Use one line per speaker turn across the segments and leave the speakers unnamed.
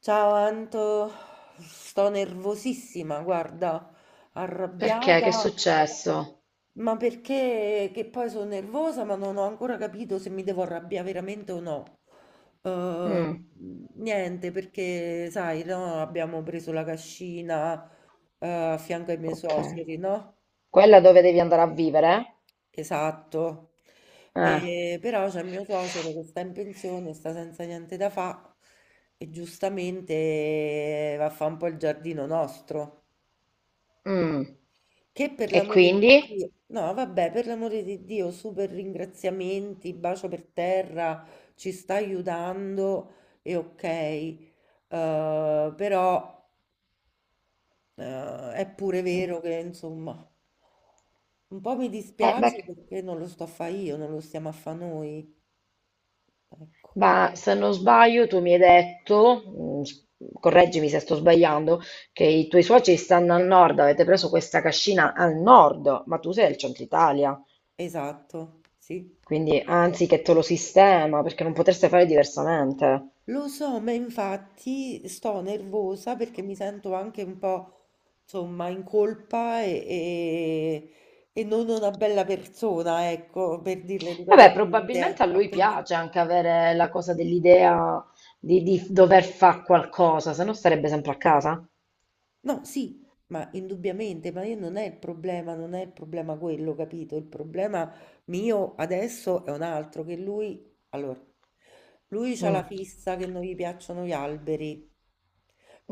Ciao Anto, sto nervosissima, guarda,
Perché? Che è
arrabbiata,
successo?
ma perché che poi sono nervosa, ma non ho ancora capito se mi devo arrabbiare veramente o no. Eh,
Mm,
Niente, perché sai, no, abbiamo preso la cascina, a fianco ai miei
ok.
suoceri, no?
Quella dove devi andare a vivere?
Esatto.
Eh.
E però c'è mio suocero che sta in pensione, sta senza niente da fa e giustamente va a fa un po' il giardino nostro.
Mm.
Che per
E
l'amore di
quindi?
Dio, no, vabbè, per l'amore di Dio, super ringraziamenti, bacio per terra, ci sta aiutando e ok. Però è pure vero che insomma. Un po' mi
Beh,
dispiace perché non lo sto a fare io, non lo stiamo a fare noi. Ecco,
ma se non sbaglio, tu mi hai detto, correggimi se sto sbagliando, che i tuoi suoceri stanno al nord, avete preso questa cascina al nord, ma tu sei del centro Italia,
esatto, sì.
quindi
Esatto.
anzi che te lo sistema, perché non potreste fare diversamente.
Lo so, ma infatti sto nervosa perché mi sento anche un po', insomma, in colpa e non una bella persona, ecco, per dirla
Vabbè,
educatamente.
probabilmente a lui piace anche avere la cosa dell'idea di dover fare qualcosa, se no starebbe sempre a casa.
No, sì, ma indubbiamente, ma io non è il problema, non è il problema quello, capito? Il problema mio adesso è un altro, che lui, allora, lui c'ha la
Mm.
fissa che non gli piacciono gli alberi.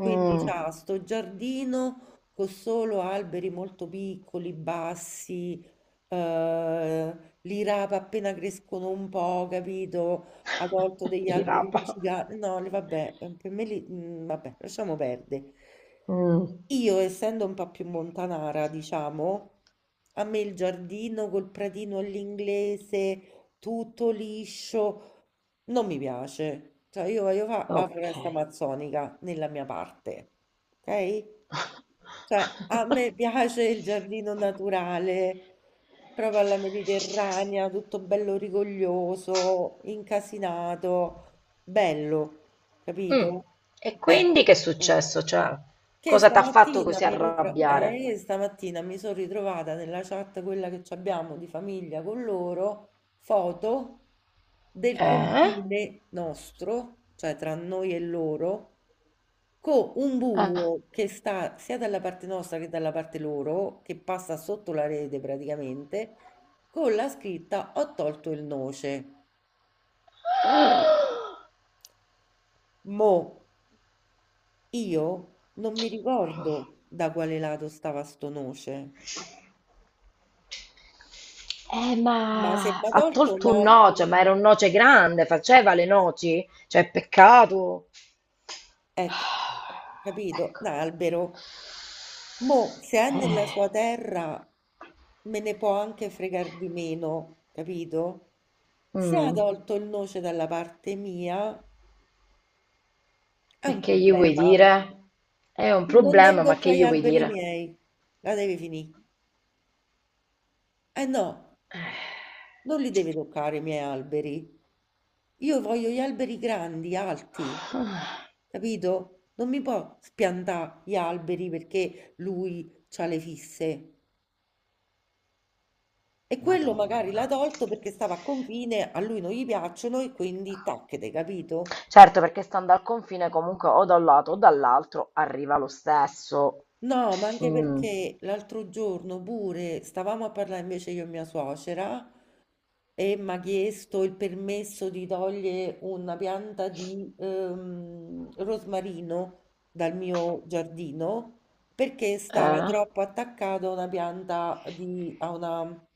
Quindi c'ha sto giardino con solo alberi molto piccoli, bassi, eh, li rapa appena crescono un po', capito? Ha tolto degli
Gli
alberi
rapa.
giganti. No, vabbè, per me vabbè, lasciamo perdere.
Mm.
Io, essendo un po' più montanara, diciamo, a me il giardino col pratino all'inglese, tutto liscio, non mi piace. Cioè, io voglio fare la
Ok.
foresta amazzonica nella mia parte, ok? Cioè, a me piace il giardino naturale, proprio alla mediterranea, tutto bello rigoglioso, incasinato, bello,
Mm.
capito?
E
Eh,
quindi che è successo? Cioè,
che
cosa ti ha fatto
stamattina
così
mi, ritro-
arrabbiare?
Stamattina mi sono ritrovata nella chat, quella che ci abbiamo di famiglia con loro, foto del
Eh?
confine nostro, cioè tra noi e loro, con un
Eh.
buco che sta sia dalla parte nostra che dalla parte loro, che passa sotto la rete praticamente, con la scritta Ho tolto il noce. Mo, io non mi ricordo da quale lato stava sto noce. Ma se
Ma
mi ha
ha
tolto un
tolto un
albero,
noce, ma era un noce grande, faceva le noci, cioè peccato.
ecco, capito, un
Ecco.
albero, mo se è nella
Eh,
sua terra me ne può anche fregar di meno, capito? Se ha
mm,
tolto il noce dalla parte mia è
e
un
che gli vuoi
problema.
dire? È un
Se non devi
problema, ma che
toccare gli
gli vuoi
alberi
dire?
miei, la devi finire. Eh no. Non li devi toccare i miei alberi. Io voglio gli alberi grandi, alti,
Eh,
capito? Non mi può spiantare gli alberi perché lui ha le fisse. E quello magari l'ha
Madonna.
tolto perché stava a confine, a lui non gli piacciono e quindi tacchete, capito?
Certo, perché stando al confine comunque o da un lato o dall'altro arriva lo stesso.
No, ma anche
Mm,
perché l'altro giorno pure stavamo a parlare invece io e mia suocera e mi ha chiesto il permesso di togliere una pianta di rosmarino dal mio giardino perché stava
eh?
troppo attaccata a una pianta di, a una,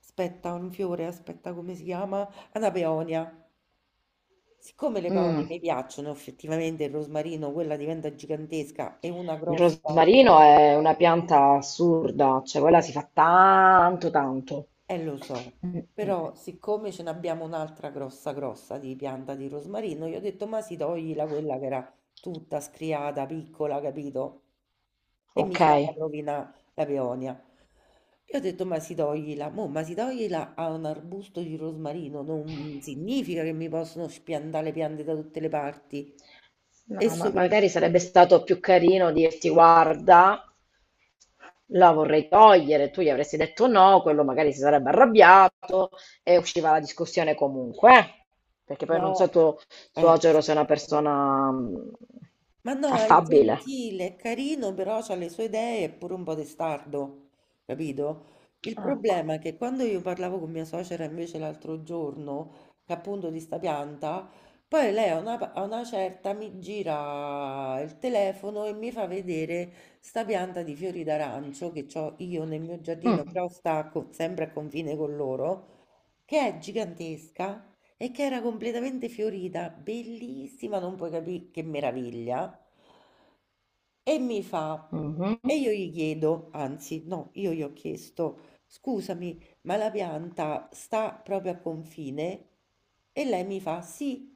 aspetta, un fiore, aspetta come si chiama? A una peonia. Siccome le peonie
Mm.
mi piacciono effettivamente il rosmarino, quella diventa gigantesca e una
Il
grossa.
rosmarino è una pianta assurda, cioè quella si fa tanto tanto.
Lo so,
Mm, mm.
però siccome ce n'abbiamo un'altra grossa grossa di pianta di rosmarino, io ho detto, ma si togli la quella che era tutta scriata, piccola, capito? E mi
Ok,
stava a rovinare la peonia. Io ho detto, ma si toglila, mo, ma si toglila a un arbusto di rosmarino, non significa che mi possono spiantare le piante da tutte le parti. E
no, ma magari
soprattutto,
sarebbe stato più carino dirti: Guarda, la vorrei togliere. Tu gli avresti detto no, quello magari si sarebbe arrabbiato e usciva la discussione comunque, eh. Perché poi non so
no,
tuo
eh,
suocero se è una persona,
ma no, è
affabile.
gentile, è carino, però ha le sue idee, è pure un po' testardo, capito? Il
Ecco.
problema è che quando io parlavo con mia suocera invece l'altro giorno, che appunto di sta pianta, poi lei a una certa mi gira il telefono e mi fa vedere sta pianta di fiori d'arancio che ho io nel mio giardino,
Mm.
però sempre a confine con loro, che è gigantesca e che era completamente fiorita, bellissima, non puoi capire che meraviglia. E mi fa,
Mhm.
e io gli chiedo, anzi, no, io gli ho chiesto, scusami, ma la pianta sta proprio a confine? E lei mi fa, sì.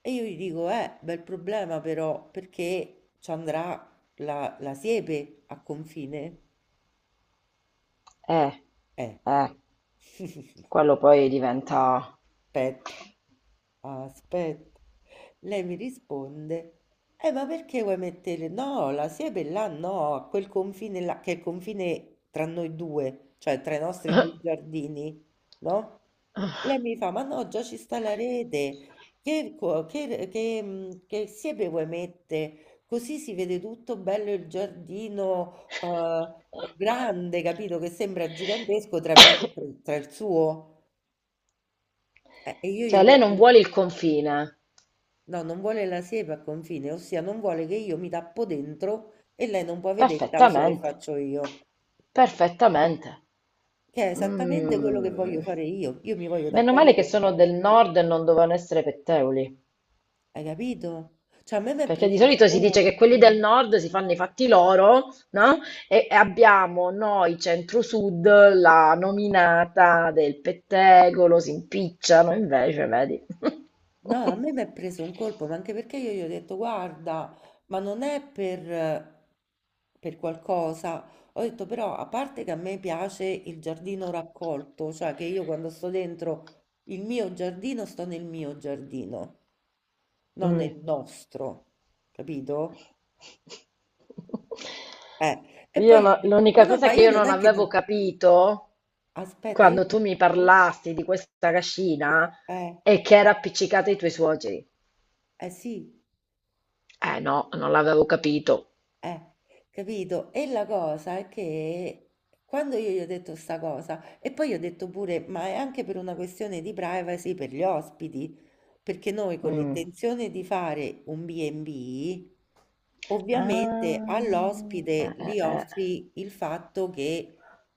E io gli dico, bel problema però, perché ci andrà la siepe a confine?
Eh,
Eh,
eh. Quello poi diventa...
aspetta. Aspetta, lei mi risponde, ma perché vuoi mettere? No, la siepe là no, a quel confine là, che è il confine tra noi due, cioè tra i nostri due giardini, no? Lei mi fa, ma no, già ci sta la rete, che, co- che, mm, che siepe vuoi mettere? Così si vede tutto bello il giardino grande, capito? Che sembra gigantesco tra il suo. E io gli ho
Cioè, lei non
detto...
vuole il confine.
No, non vuole la siepe a confine, ossia non vuole che io mi tappo dentro e lei non può vedere il cazzo che
Perfettamente,
faccio io,
perfettamente.
che è esattamente quello che voglio
Mm.
fare io. Io mi voglio
Meno male
tappare
che sono
dentro,
del nord e non dovevano essere pettegoli.
hai capito? Cioè, a me mi è
Perché di
preso un
solito si dice che quelli del
colpo.
nord si fanno i fatti loro, no? E abbiamo noi centro-sud la nominata del pettegolo, si impicciano, invece, vedi.
No, a me mi è preso un colpo, ma anche perché io gli ho detto, guarda, ma non è per qualcosa. Ho detto, però, a parte che a me piace il giardino raccolto, cioè che io quando sto dentro il mio giardino, sto nel mio giardino. Non è
Mm.
il nostro, capito? E
Io
poi io
no-
dico, ma
L'unica
no,
cosa
ma
che
io
io
non
non
è che...
avevo capito
Aspetta,
quando
io...
tu mi parlasti di questa cascina
Eh,
è che era appiccicata ai tuoi suoceri.
eh sì,
Eh no, non l'avevo capito.
Eh, capito? E la cosa è che quando io gli ho detto sta cosa, e poi gli ho detto pure, ma è anche per una questione di privacy per gli ospiti, perché noi con
Mm.
l'intenzione di fare un B&B, ovviamente
Ah,
all'ospite gli
eh.
offri il fatto che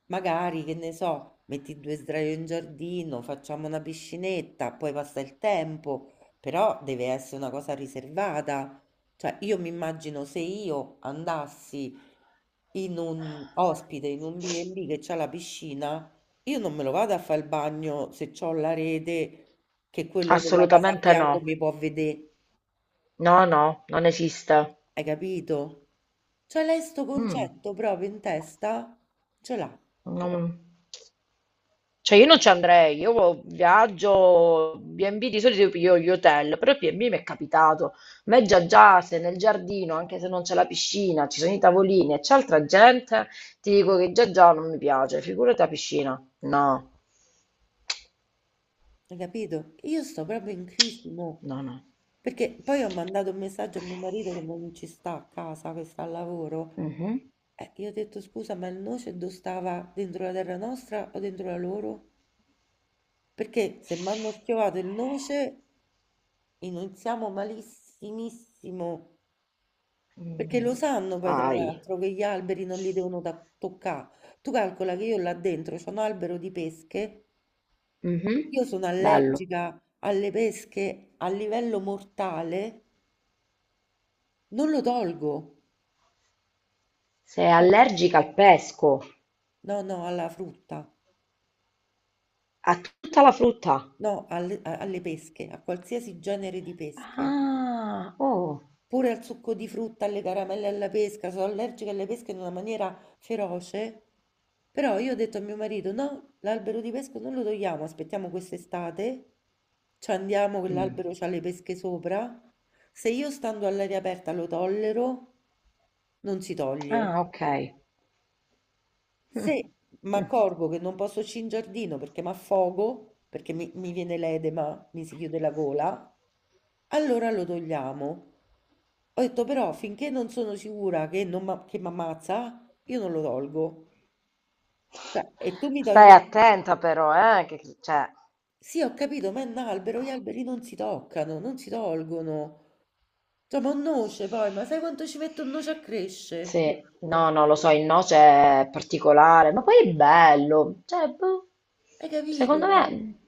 magari, che ne so, metti due sdraio in giardino, facciamo una piscinetta, poi passa il tempo, però deve essere una cosa riservata. Cioè, io mi immagino se io andassi in un ospite, in un B&B che c'ha la piscina, io non me lo vado a fare il bagno se c'ho la rete che quello della casa a
Assolutamente no.
fianco mi può vedere.
No, no, non esiste.
Hai capito? Cioè, lei sto
Mm,
concetto proprio in testa ce l'ha,
non- Cioè io non ci andrei, io viaggio, B&B di solito io piglio gli hotel, però il B&B mi è capitato. A me già già se nel giardino, anche se non c'è la piscina, ci sono i tavolini e c'è altra gente, ti dico che già già non mi piace, figurati la piscina. No,
hai capito? Io sto proprio in crisi, mo.
no, no.
Perché poi ho mandato un messaggio a mio marito che non ci sta a casa, che sta al lavoro.
Mhm.
Io ho detto scusa, ma il noce dove stava? Dentro la terra nostra o dentro la loro? Perché se mi hanno schiovato il noce iniziamo malissimissimo, perché
Mh,
lo sanno poi tra
sai.
l'altro che gli alberi non li devono toccare. Tu calcola che io là dentro c'ho un albero di pesche,
Mh-mh.
io sono
Bello.
allergica alle pesche a livello mortale, non lo tolgo.
Sei
Eh,
allergica al pesco,
No, no, alla frutta,
a tutta la frutta.
no, alle pesche, a qualsiasi genere di pesche.
Ah! Oh.
Pure al succo di frutta, alle caramelle alla pesca, sono allergica alle pesche in una maniera feroce. Però io ho detto a mio marito: no, l'albero di pesca non lo togliamo, aspettiamo quest'estate, ci andiamo,
Mh.
quell'albero c'ha le pesche sopra. Se io stando all'aria aperta lo tollero, non si toglie.
Ah, okay. Mh.
Se mi
Mh.
accorgo che non posso uscire in giardino perché mi affogo, perché mi viene l'edema, mi si chiude la gola, allora lo togliamo. Ho detto però finché non sono sicura che non che mi ammazza, io non lo tolgo. Cioè, e tu mi togli...
Stai attenta però, che c cioè
Sì, ho capito, ma è un albero, gli alberi non si toccano, non si tolgono. Cioè, ma un noce poi, ma sai quanto ci mette un noce a crescere?
Sì, no, no, lo so, il noce è particolare, ma poi è bello, cioè, boh,
Hai capito?
secondo me,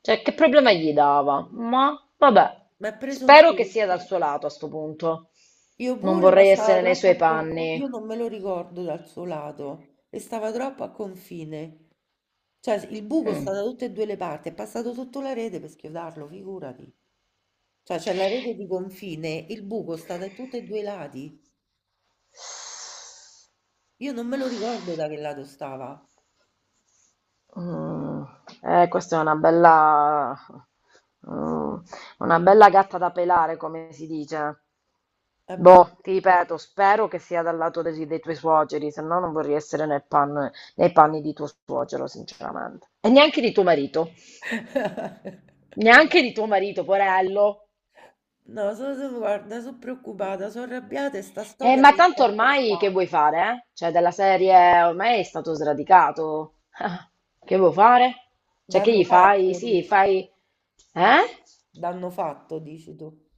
cioè, che problema gli dava? Ma, vabbè,
Mi ha preso un
spero che sia
colpo.
dal suo lato a sto punto,
Io
non
pure, ma
vorrei
stava
essere nei
troppo
suoi
a confine. Io
panni.
non me lo ricordo dal suo lato e stava troppo a confine. Cioè, il buco sta
Mm.
da tutte e due le parti, è passato sotto la rete per schiodarlo, figurati. Cioè, c'è la rete di confine, il buco sta da tutti e due i lati. Io non me lo ricordo da che lato stava.
Mm. Questa è una bella, mm, una bella gatta da pelare, come si dice.
È
Boh, ti
brutto.
ripeto, spero che sia dal lato dei tuoi suoceri, se no non vorrei essere nei panni di tuo suocero, sinceramente. E neanche di tuo marito, neanche di tuo marito, porello.
No, guarda, sono preoccupata, sono arrabbiata e sta storia
Ma
mi sta
tanto ormai che
stressando.
vuoi fare, eh? Cioè, della serie ormai è stato sradicato. Che vuoi fare? Cioè, che gli
Danno
fai?
fatto,
Sì,
dici.
fai... Eh?
Danno fatto, dici tu.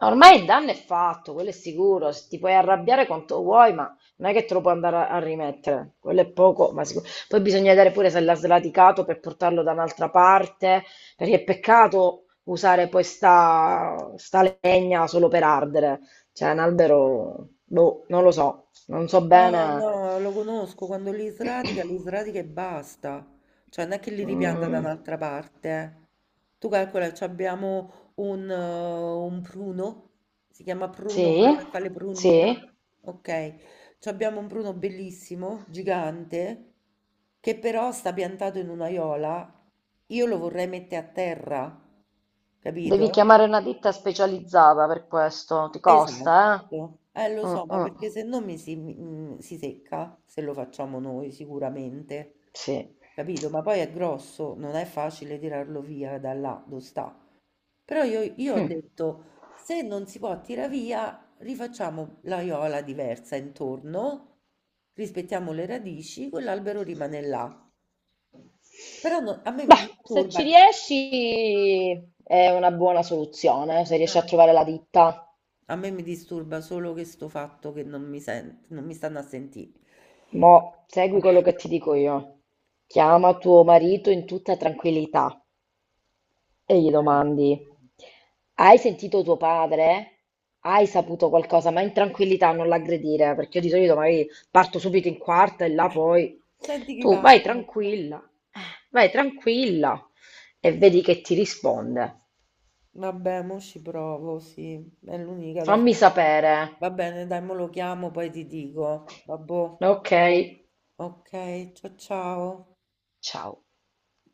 Ormai il danno è fatto, quello è sicuro. Se ti puoi arrabbiare quanto vuoi, ma non è che te lo puoi andare a, a rimettere. Quello è poco, ma sicuro. Poi bisogna vedere pure se l'ha sradicato per portarlo da un'altra parte, perché è peccato usare poi sta legna solo per ardere. Cioè, un albero, boh, non lo so, non so
No,
bene.
no, lo conosco, quando li sradica e basta, cioè non è che li ripianta da
Mm,
un'altra parte. Eh. Tu calcola, ci abbiamo un pruno, si chiama pruno
sì,
quello che fa le prugne,
sì.
ok? Ci abbiamo un pruno bellissimo, gigante, che però sta piantato in un'aiola, io lo vorrei mettere a terra,
Devi
capito?
chiamare una ditta specializzata per questo, ti costa,
Esatto, lo
eh?
so,
Mm,
ma
mm,
perché se no mi si, mi- mm, si secca se lo facciamo noi sicuramente,
sì.
capito? Ma poi è grosso, non è facile tirarlo via da là dove sta. Però io ho
Mm.
detto, se non si può tirare via, rifacciamo l'aiola diversa intorno, rispettiamo le radici, quell'albero rimane là. Però a me mi
Beh, se ci
disturba che...
riesci è una buona soluzione, se riesci a
Eh.
trovare la ditta.
A me mi disturba solo questo fatto che non mi stanno a sentire.
Mo' segui quello che ti dico io. Chiama tuo marito in tutta tranquillità e gli
Eh.
domandi. Hai sentito tuo padre? Hai saputo qualcosa? Ma in tranquillità, non l'aggredire, perché io di solito magari parto subito in quarta e là poi...
Senti chi
Tu
parla.
eh, vai tranquilla e vedi che ti risponde.
Vabbè, mo ci provo, sì, è l'unica da
Fammi
fare.
sapere.
Va bene, dai, mo lo chiamo, poi ti dico. Vabbè,
Ok?
ok, ciao ciao.
Ciao.